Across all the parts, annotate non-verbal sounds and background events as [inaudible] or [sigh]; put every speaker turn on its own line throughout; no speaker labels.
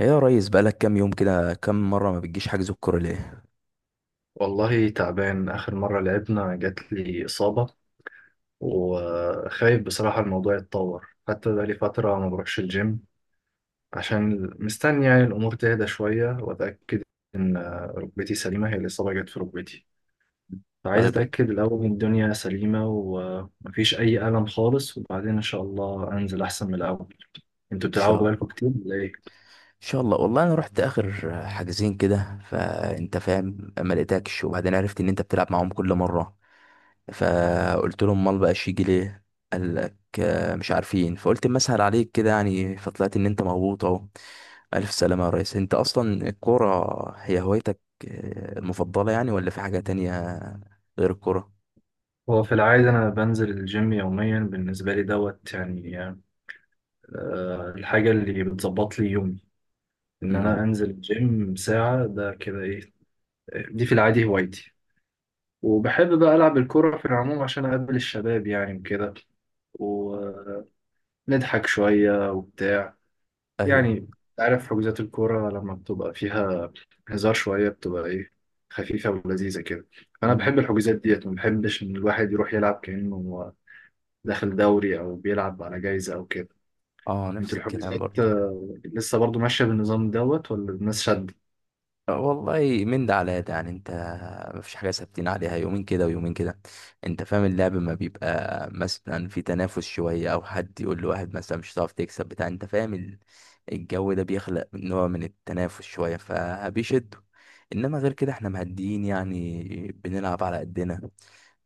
ايه يا ريس، بقالك كام يوم كده كام مرة ما بتجيش حجز الكورة ليه؟
والله تعبان. آخر مرة لعبنا جات لي إصابة، وخايف بصراحة الموضوع يتطور، حتى بقالي فترة ما بروحش الجيم عشان مستني يعني الأمور تهدى شوية وأتأكد إن ركبتي سليمة. هي الإصابة جت في ركبتي، فعايز
طيب، ان
أتأكد الأول إن الدنيا سليمة ومفيش أي ألم خالص، وبعدين إن شاء الله أنزل أحسن من الأول. انتوا بتلعبوا
شاء
بقالكم
الله
كتير ولا ايه؟
ان شاء الله. والله انا رحت اخر حاجزين كده فانت فاهم، ما لقيتكش، وبعدين عرفت ان انت بتلعب معاهم كل مرة. فقلت لهم امال بقاش يجي ليه؟ قال لك آه، مش عارفين. فقلت اما اسهل عليك كده يعني، فطلعت ان انت مغبوط اهو. الف سلامة يا ريس، انت اصلا الكورة هي هوايتك المفضلة يعني، ولا في حاجة تانية غير الكورة؟
هو في العادة أنا بنزل الجيم يوميا، بالنسبة لي دوت يعني. آه، الحاجة اللي بتظبط لي يومي ان انا
امم.
انزل الجيم ساعة ده كده ايه. دي في العادي هوايتي، وبحب بقى العب الكرة في العموم عشان اقابل الشباب يعني وكده، ونضحك شوية وبتاع يعني.
ايوه.
عارف حجوزات الكرة لما بتبقى فيها هزار شوية بتبقى ايه، خفيفة ولذيذة كده. انا
مم.
بحب الحجوزات ديت، ما بحبش ان الواحد يروح يلعب كأنه داخل دوري او بيلعب على جايزة او كده.
اه،
انت
نفس الكلام
الحجوزات
برضه.
لسه برضو ماشية بالنظام دوت، ولا الناس شد؟
والله من ده على ده يعني، انت مفيش حاجه ثابتين عليها، يومين كده ويومين كده. انت فاهم، اللعب ما بيبقى مثلا في تنافس شويه، او حد يقول لواحد مثلا مش هتعرف تكسب بتاع، انت فاهم الجو ده بيخلق نوع من التنافس شويه فبيشدوا. انما غير كده احنا مهديين يعني، بنلعب على قدنا،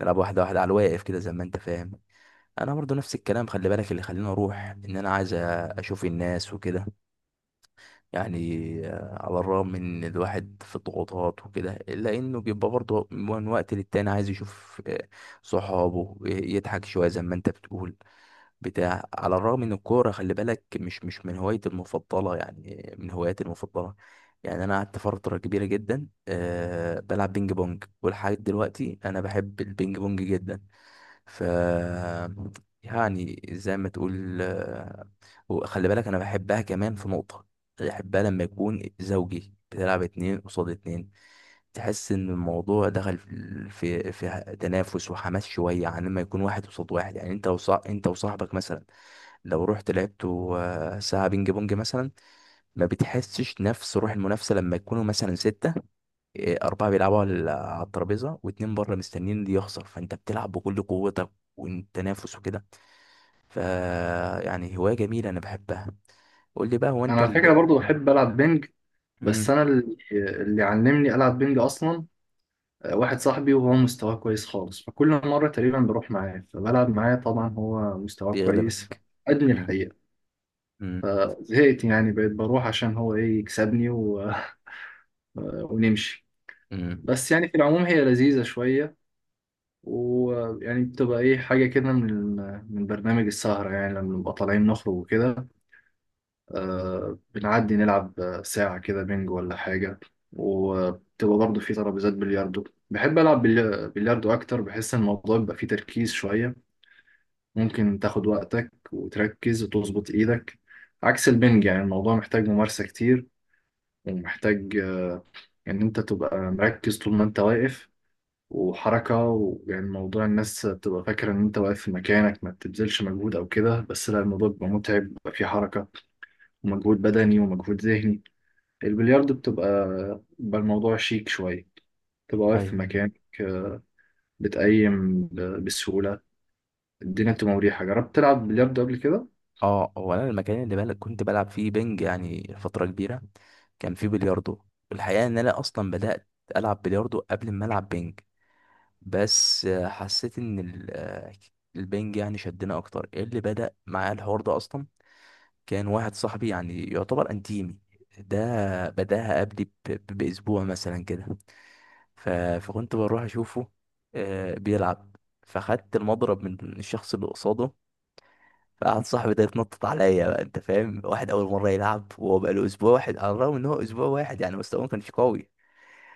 نلعب واحده واحده على الواقف كده زي ما انت فاهم. انا برضو نفس الكلام. خلي بالك اللي خليني اروح ان انا عايز اشوف الناس وكده يعني. على الرغم من إن الواحد في الضغوطات وكده، إلا إنه بيبقى برضه من وقت للتاني عايز يشوف صحابه، يضحك شوية زي ما أنت بتقول بتاع. على الرغم إن الكورة، خلي بالك، مش من هوايتي المفضلة يعني، من هواياتي المفضلة يعني. أنا قعدت فترة كبيرة جدا بلعب بينج بونج، ولحد دلوقتي أنا بحب البينج بونج جدا. ف يعني زي ما تقول. وخلي بالك انا بحبها كمان في نقطة. بحبها لما يكون زوجي بتلعب اتنين قصاد اتنين، تحس ان الموضوع دخل في في تنافس وحماس شوية، عن لما يكون واحد قصاد واحد يعني. انت انت وصاحبك مثلا لو رحت لعبتوا ساعة بينج بونج مثلا، ما بتحسش نفس روح المنافسة لما يكونوا مثلا ستة، أربعة بيلعبوا على الترابيزة واتنين بره مستنيين دي يخسر، فأنت بتلعب بكل قوتك والتنافس وكده. ف يعني هواية جميلة أنا بحبها. قول لي بقى، هو
انا
أنت
على فكرة
اللي...
برضو بحب العب بينج، بس
مم،
انا اللي علمني العب بينج اصلا واحد صاحبي، وهو مستواه كويس خالص. فكل مره تقريبا بروح معاه فبلعب معاه، طبعا هو مستواه كويس
بيغلبك.
فادني
مم،
الحقيقه.
مم،
فزهقت يعني، بقيت بروح عشان هو ايه، يكسبني و... [laughs] ونمشي.
مم.
بس يعني في العموم هي لذيذه شويه، ويعني بتبقى ايه، حاجه كده من من برنامج السهره يعني، لما نبقى طالعين نخرج وكده بنعدي نلعب ساعة كده بينج ولا حاجة. وبتبقى برضه في ترابيزات بلياردو، بحب ألعب بلياردو أكتر، بحس إن الموضوع بيبقى فيه تركيز شوية، ممكن تاخد وقتك وتركز وتظبط إيدك عكس البنج. يعني الموضوع محتاج ممارسة كتير، ومحتاج إن أنت تبقى مركز طول ما أنت واقف وحركة. ويعني موضوع الناس بتبقى فاكرة إن أنت واقف في مكانك ما بتبذلش مجهود أو كده، بس لا، الموضوع بيبقى متعب، بيبقى فيه حركة ومجهود بدني ومجهود ذهني.
مم.
البلياردو بتبقى، بيبقى الموضوع شيك شوية، تبقى واقف في
أيوه.
مكانك، بسهولة، الدنيا بتبقى مريحة. جربت تلعب بلياردو قبل كده؟
أه، هو أنا المكان اللي كنت بلعب فيه بنج يعني فترة كبيرة، كان فيه بلياردو. الحقيقة إن أنا أصلا بدأت ألعب بلياردو قبل ما ألعب بنج. بس حسيت إن البنج يعني شدنا أكتر. إيه اللي بدأ معايا الحوار ده أصلا؟ كان واحد صاحبي يعني يعتبر انتيمي، ده بداها قبلي باسبوع مثلا كده. ف- فكنت بروح اشوفه بيلعب. فخدت المضرب من الشخص اللي قصاده، فقعد صاحبي ده يتنطط عليا. بقى انت فاهم، واحد اول مره يلعب وهو بقى له اسبوع واحد، على الرغم ان هو اسبوع واحد يعني مستواه ما كانش قوي،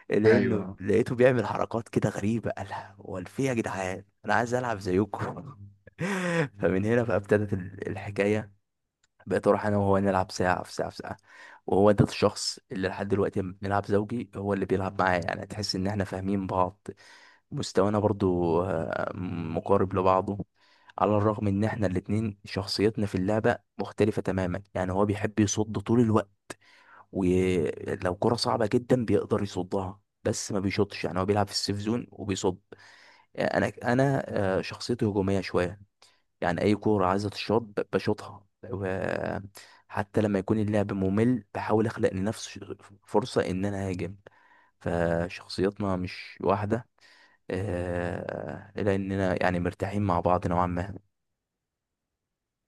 لانه
أيوة.
لقيته بيعمل حركات كده غريبه. قالها هو، في إيه يا جدعان، انا عايز العب زيكم. [laughs] فمن هنا بقى ابتدت الحكايه. بقيت اروح انا وهو نلعب ساعه في ساعه في ساعه. وهو ده الشخص اللي لحد دلوقتي لما بنلعب زوجي هو اللي بيلعب معايا، يعني تحس ان احنا فاهمين بعض. مستوانا برضو مقارب لبعضه. على الرغم ان احنا الاتنين شخصيتنا في اللعبة مختلفة تماما، يعني هو بيحب يصد طول الوقت، ولو كرة صعبة جدا بيقدر يصدها، بس ما بيشوطش. يعني هو بيلعب في السيف زون وبيصد. يعني انا شخصيتي هجومية شوية، يعني اي كوره عايزه تشوط بشوطها. وحتى لما يكون اللعب ممل، بحاول اخلق لنفسي فرصه ان انا اهاجم. فشخصياتنا مش واحده، لاننا يعني مرتاحين مع بعض نوعا ما.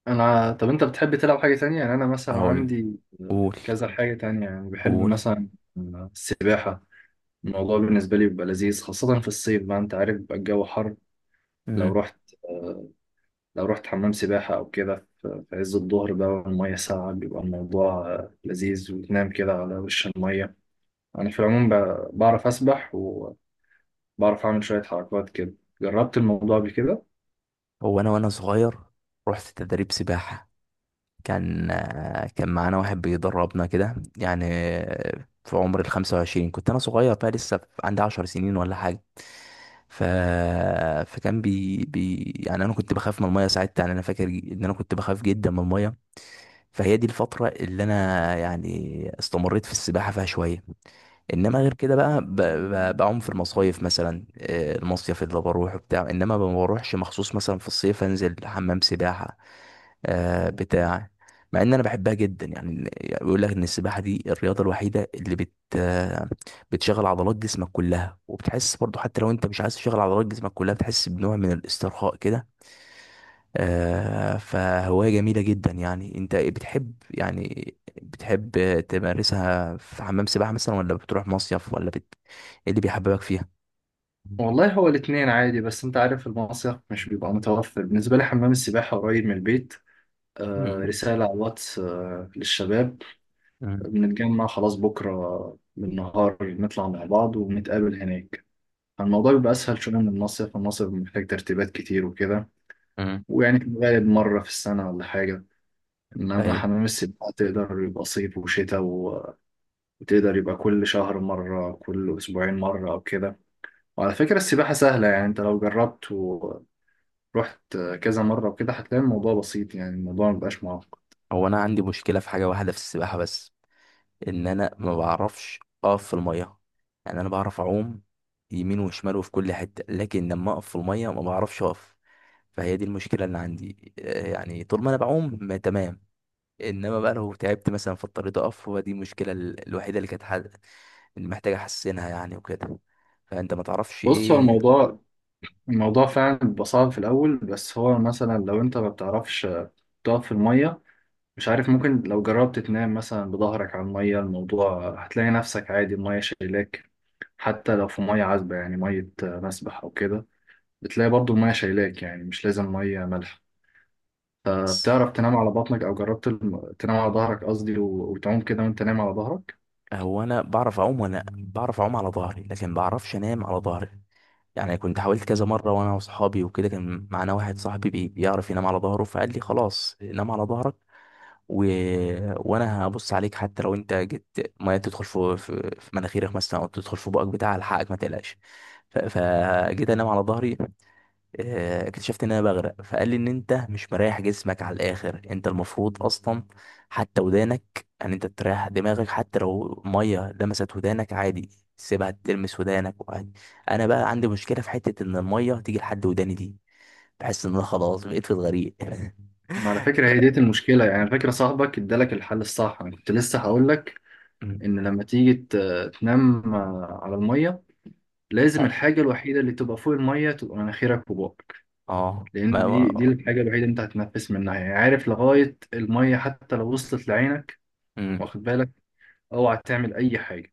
أنا طب أنت بتحب تلعب حاجة تانية؟ يعني أنا مثلا
اقول.
عندي
قول.
كذا حاجة تانية، يعني بحب
قول.
مثلا السباحة. الموضوع بالنسبة لي بيبقى لذيذ، خاصة في الصيف بقى. أنت عارف بيبقى الجو حر، لو
مم.
رحت لو رحت حمام سباحة أو كده في في عز الظهر بقى، والمية ساقعة، بيبقى الموضوع لذيذ، وتنام كده على وش المية. أنا في العموم بعرف أسبح، وبعرف أعمل شوية حركات كده. جربت الموضوع قبل كده.
هو انا وانا صغير رحت تدريب سباحه. كان معانا واحد بيدربنا كده يعني، في عمر 25، كنت أنا صغير بقى، لسه عندي 10 سنين ولا حاجة. ف... فكان بي... بي... يعني انا كنت بخاف من الميه ساعتها. يعني انا فاكر ان انا كنت بخاف جدا من الميه. فهي دي الفتره اللي انا يعني استمريت في السباحه فيها شويه. انما غير كده بقى بعوم في المصايف مثلا، المصيف اللي بروح وبتاع. انما ما بروحش مخصوص مثلا في الصيف انزل حمام سباحه بتاع، مع ان انا بحبها جدا. يعني بيقول لك ان السباحه دي الرياضه الوحيده اللي بت آه، بتشغل عضلات جسمك كلها، وبتحس برضو حتى لو انت مش عايز تشغل عضلات جسمك كلها، بتحس بنوع من الاسترخاء كده. فهوايه جميله جدا يعني. انت بتحب يعني بتحب تمارسها في حمام سباحه مثلا، ولا بتروح مصيف، ولا ايه اللي بيحببك فيها؟
والله هو الاتنين عادي، بس أنت عارف المصيف مش بيبقى متوفر، بالنسبة لي حمام السباحة قريب من البيت. آه،
مم.
رسالة على الواتس للشباب،
مم.
بنتجمع خلاص بكرة بالنهار نطلع مع بعض ونتقابل هناك. الموضوع بيبقى أسهل شوية من المصيف، المصيف محتاج ترتيبات كتير وكده،
مم.
ويعني في الغالب مرة في السنة ولا حاجة. إنما
ايوه.
حمام السباحة تقدر يبقى صيف وشتاء، وتقدر يبقى كل شهر مرة، كل أسبوعين مرة أو كده. وعلى فكرة السباحة سهلة، يعني أنت لو جربت ورحت كذا مرة وكده هتلاقي الموضوع بسيط، يعني الموضوع مبقاش معقد.
هو انا عندي مشكله في حاجه واحده في السباحه بس، ان انا ما بعرفش اقف في الميه. يعني انا بعرف اعوم يمين وشمال وفي كل حته، لكن لما اقف في الميه ما بعرفش اقف. فهي دي المشكله اللي عندي، يعني طول ما انا بعوم ما تمام، انما بقى لو تعبت مثلا في الطريق اقف، هو دي المشكله الوحيده اللي كانت اللي محتاج احسنها يعني وكده. فانت ما تعرفش
بص هو
ايه؟
الموضوع فعلا بيبقى صعب في الأول، بس هو مثلا لو أنت ما بتعرفش تقف في المية، مش عارف، ممكن لو جربت تنام مثلا بظهرك على المية، الموضوع هتلاقي نفسك عادي، المية شايلاك. حتى لو في مية عذبة يعني، مية مسبح أو كده، بتلاقي برضو المية شايلاك، يعني مش لازم مية مالحة. بتعرف تنام على بطنك، او جربت تنام على ظهرك قصدي، وتعوم كده وانت نايم على ظهرك؟
هو انا بعرف اعوم، وانا بعرف اعوم على ظهري، لكن بعرفش انام على ظهري. يعني كنت حاولت كذا مره وانا واصحابي وكده، كان معانا واحد صاحبي بيعرف ينام على ظهره، فقال لي خلاص نام على ظهرك و... وانا هبص عليك. حتى لو انت جيت ميه تدخل في في مناخيرك مثلا، او تدخل في بقك بتاع، الحقك ما تقلقش. فجيت انام على ظهري، اكتشفت ان انا بغرق. فقال لي ان انت مش مريح جسمك على الاخر. انت المفروض اصلا حتى ودانك، ان انت تريح دماغك، حتى لو ميه لمست ودانك عادي، سيبها تلمس ودانك وعادي. انا بقى عندي مشكله في حته ان الميه تيجي لحد وداني دي، بحس ان انا خلاص بقيت في الغريق. [laughs]
ما على فكره هي ديت المشكله، يعني على فكره صاحبك ادالك الحل الصح، انا كنت لسه هقول لك
مم.
ان لما تيجي تنام على الميه، لازم
ف-
الحاجه الوحيده اللي تبقى فوق الميه تبقى مناخيرك وبقك،
اه،
لان دي الحاجه الوحيده اللي انت هتتنفس منها، يعني عارف، لغايه الميه حتى لو وصلت لعينك،
مم.
واخد بالك، اوعى تعمل اي حاجه،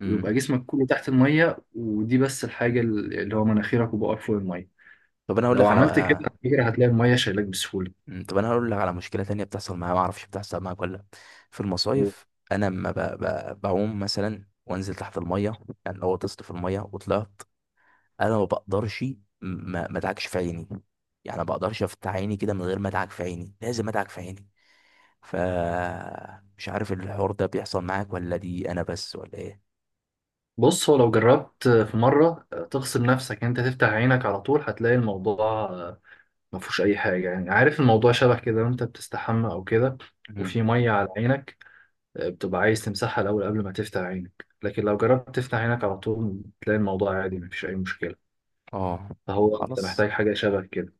مم.
ويبقى جسمك كله تحت الميه، ودي بس الحاجه اللي هو مناخيرك وبقك فوق الميه.
طب انا اقول
لو
لك على...
عملت كده على فكرة هتلاقي المية شايلاك بسهولة.
مم، طب انا هقول لك على مشكله تانية بتحصل معايا، ما اعرفش بتحصل معايا ولا لأ. في المصايف انا لما بعوم مثلا وانزل تحت الميه، يعني لو غطست في الميه وطلعت، انا ما بقدرش ما ادعكش في عيني. يعني ما بقدرش افتح عيني كده من غير ما ادعك في عيني، لازم ادعك في عيني. ف مش عارف الحوار ده بيحصل معاك، ولا دي انا بس ولا ايه؟
بص هو لو جربت في مرة تغصب نفسك إن انت تفتح عينك على طول، هتلاقي الموضوع ما فيهوش اي حاجة، يعني عارف الموضوع شبه كده وانت بتستحمى او كده
مم.
وفي مية على عينك، بتبقى عايز تمسحها الاول قبل ما تفتح عينك، لكن لو جربت تفتح عينك على طول تلاقي الموضوع عادي ما فيش اي مشكلة،
اه.
فهو انت
خلاص.
محتاج حاجة شبه كده.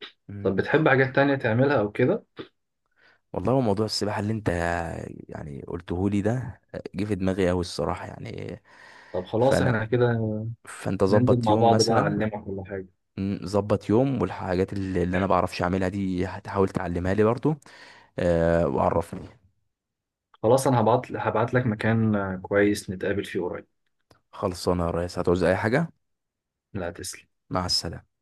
طب
مم.
بتحب حاجات تانية تعملها او كده؟
والله هو موضوع السباحة اللي انت يعني قلته لي ده، جه في دماغي اوي الصراحة يعني.
طب خلاص احنا
فانا
كده
فانت
ننزل
ظبط
مع
يوم
بعض بقى
مثلا.
اعلمك كل حاجة.
مم، ظبط يوم، والحاجات اللي انا بعرفش اعملها دي هتحاول تعلمها لي برضو. أه، وعرفني.
خلاص انا هبعت، هبعت لك مكان كويس نتقابل فيه قريب.
خلصانة يا ريس، هتعوز اي حاجة؟
لا تسلم.
مع السلامة.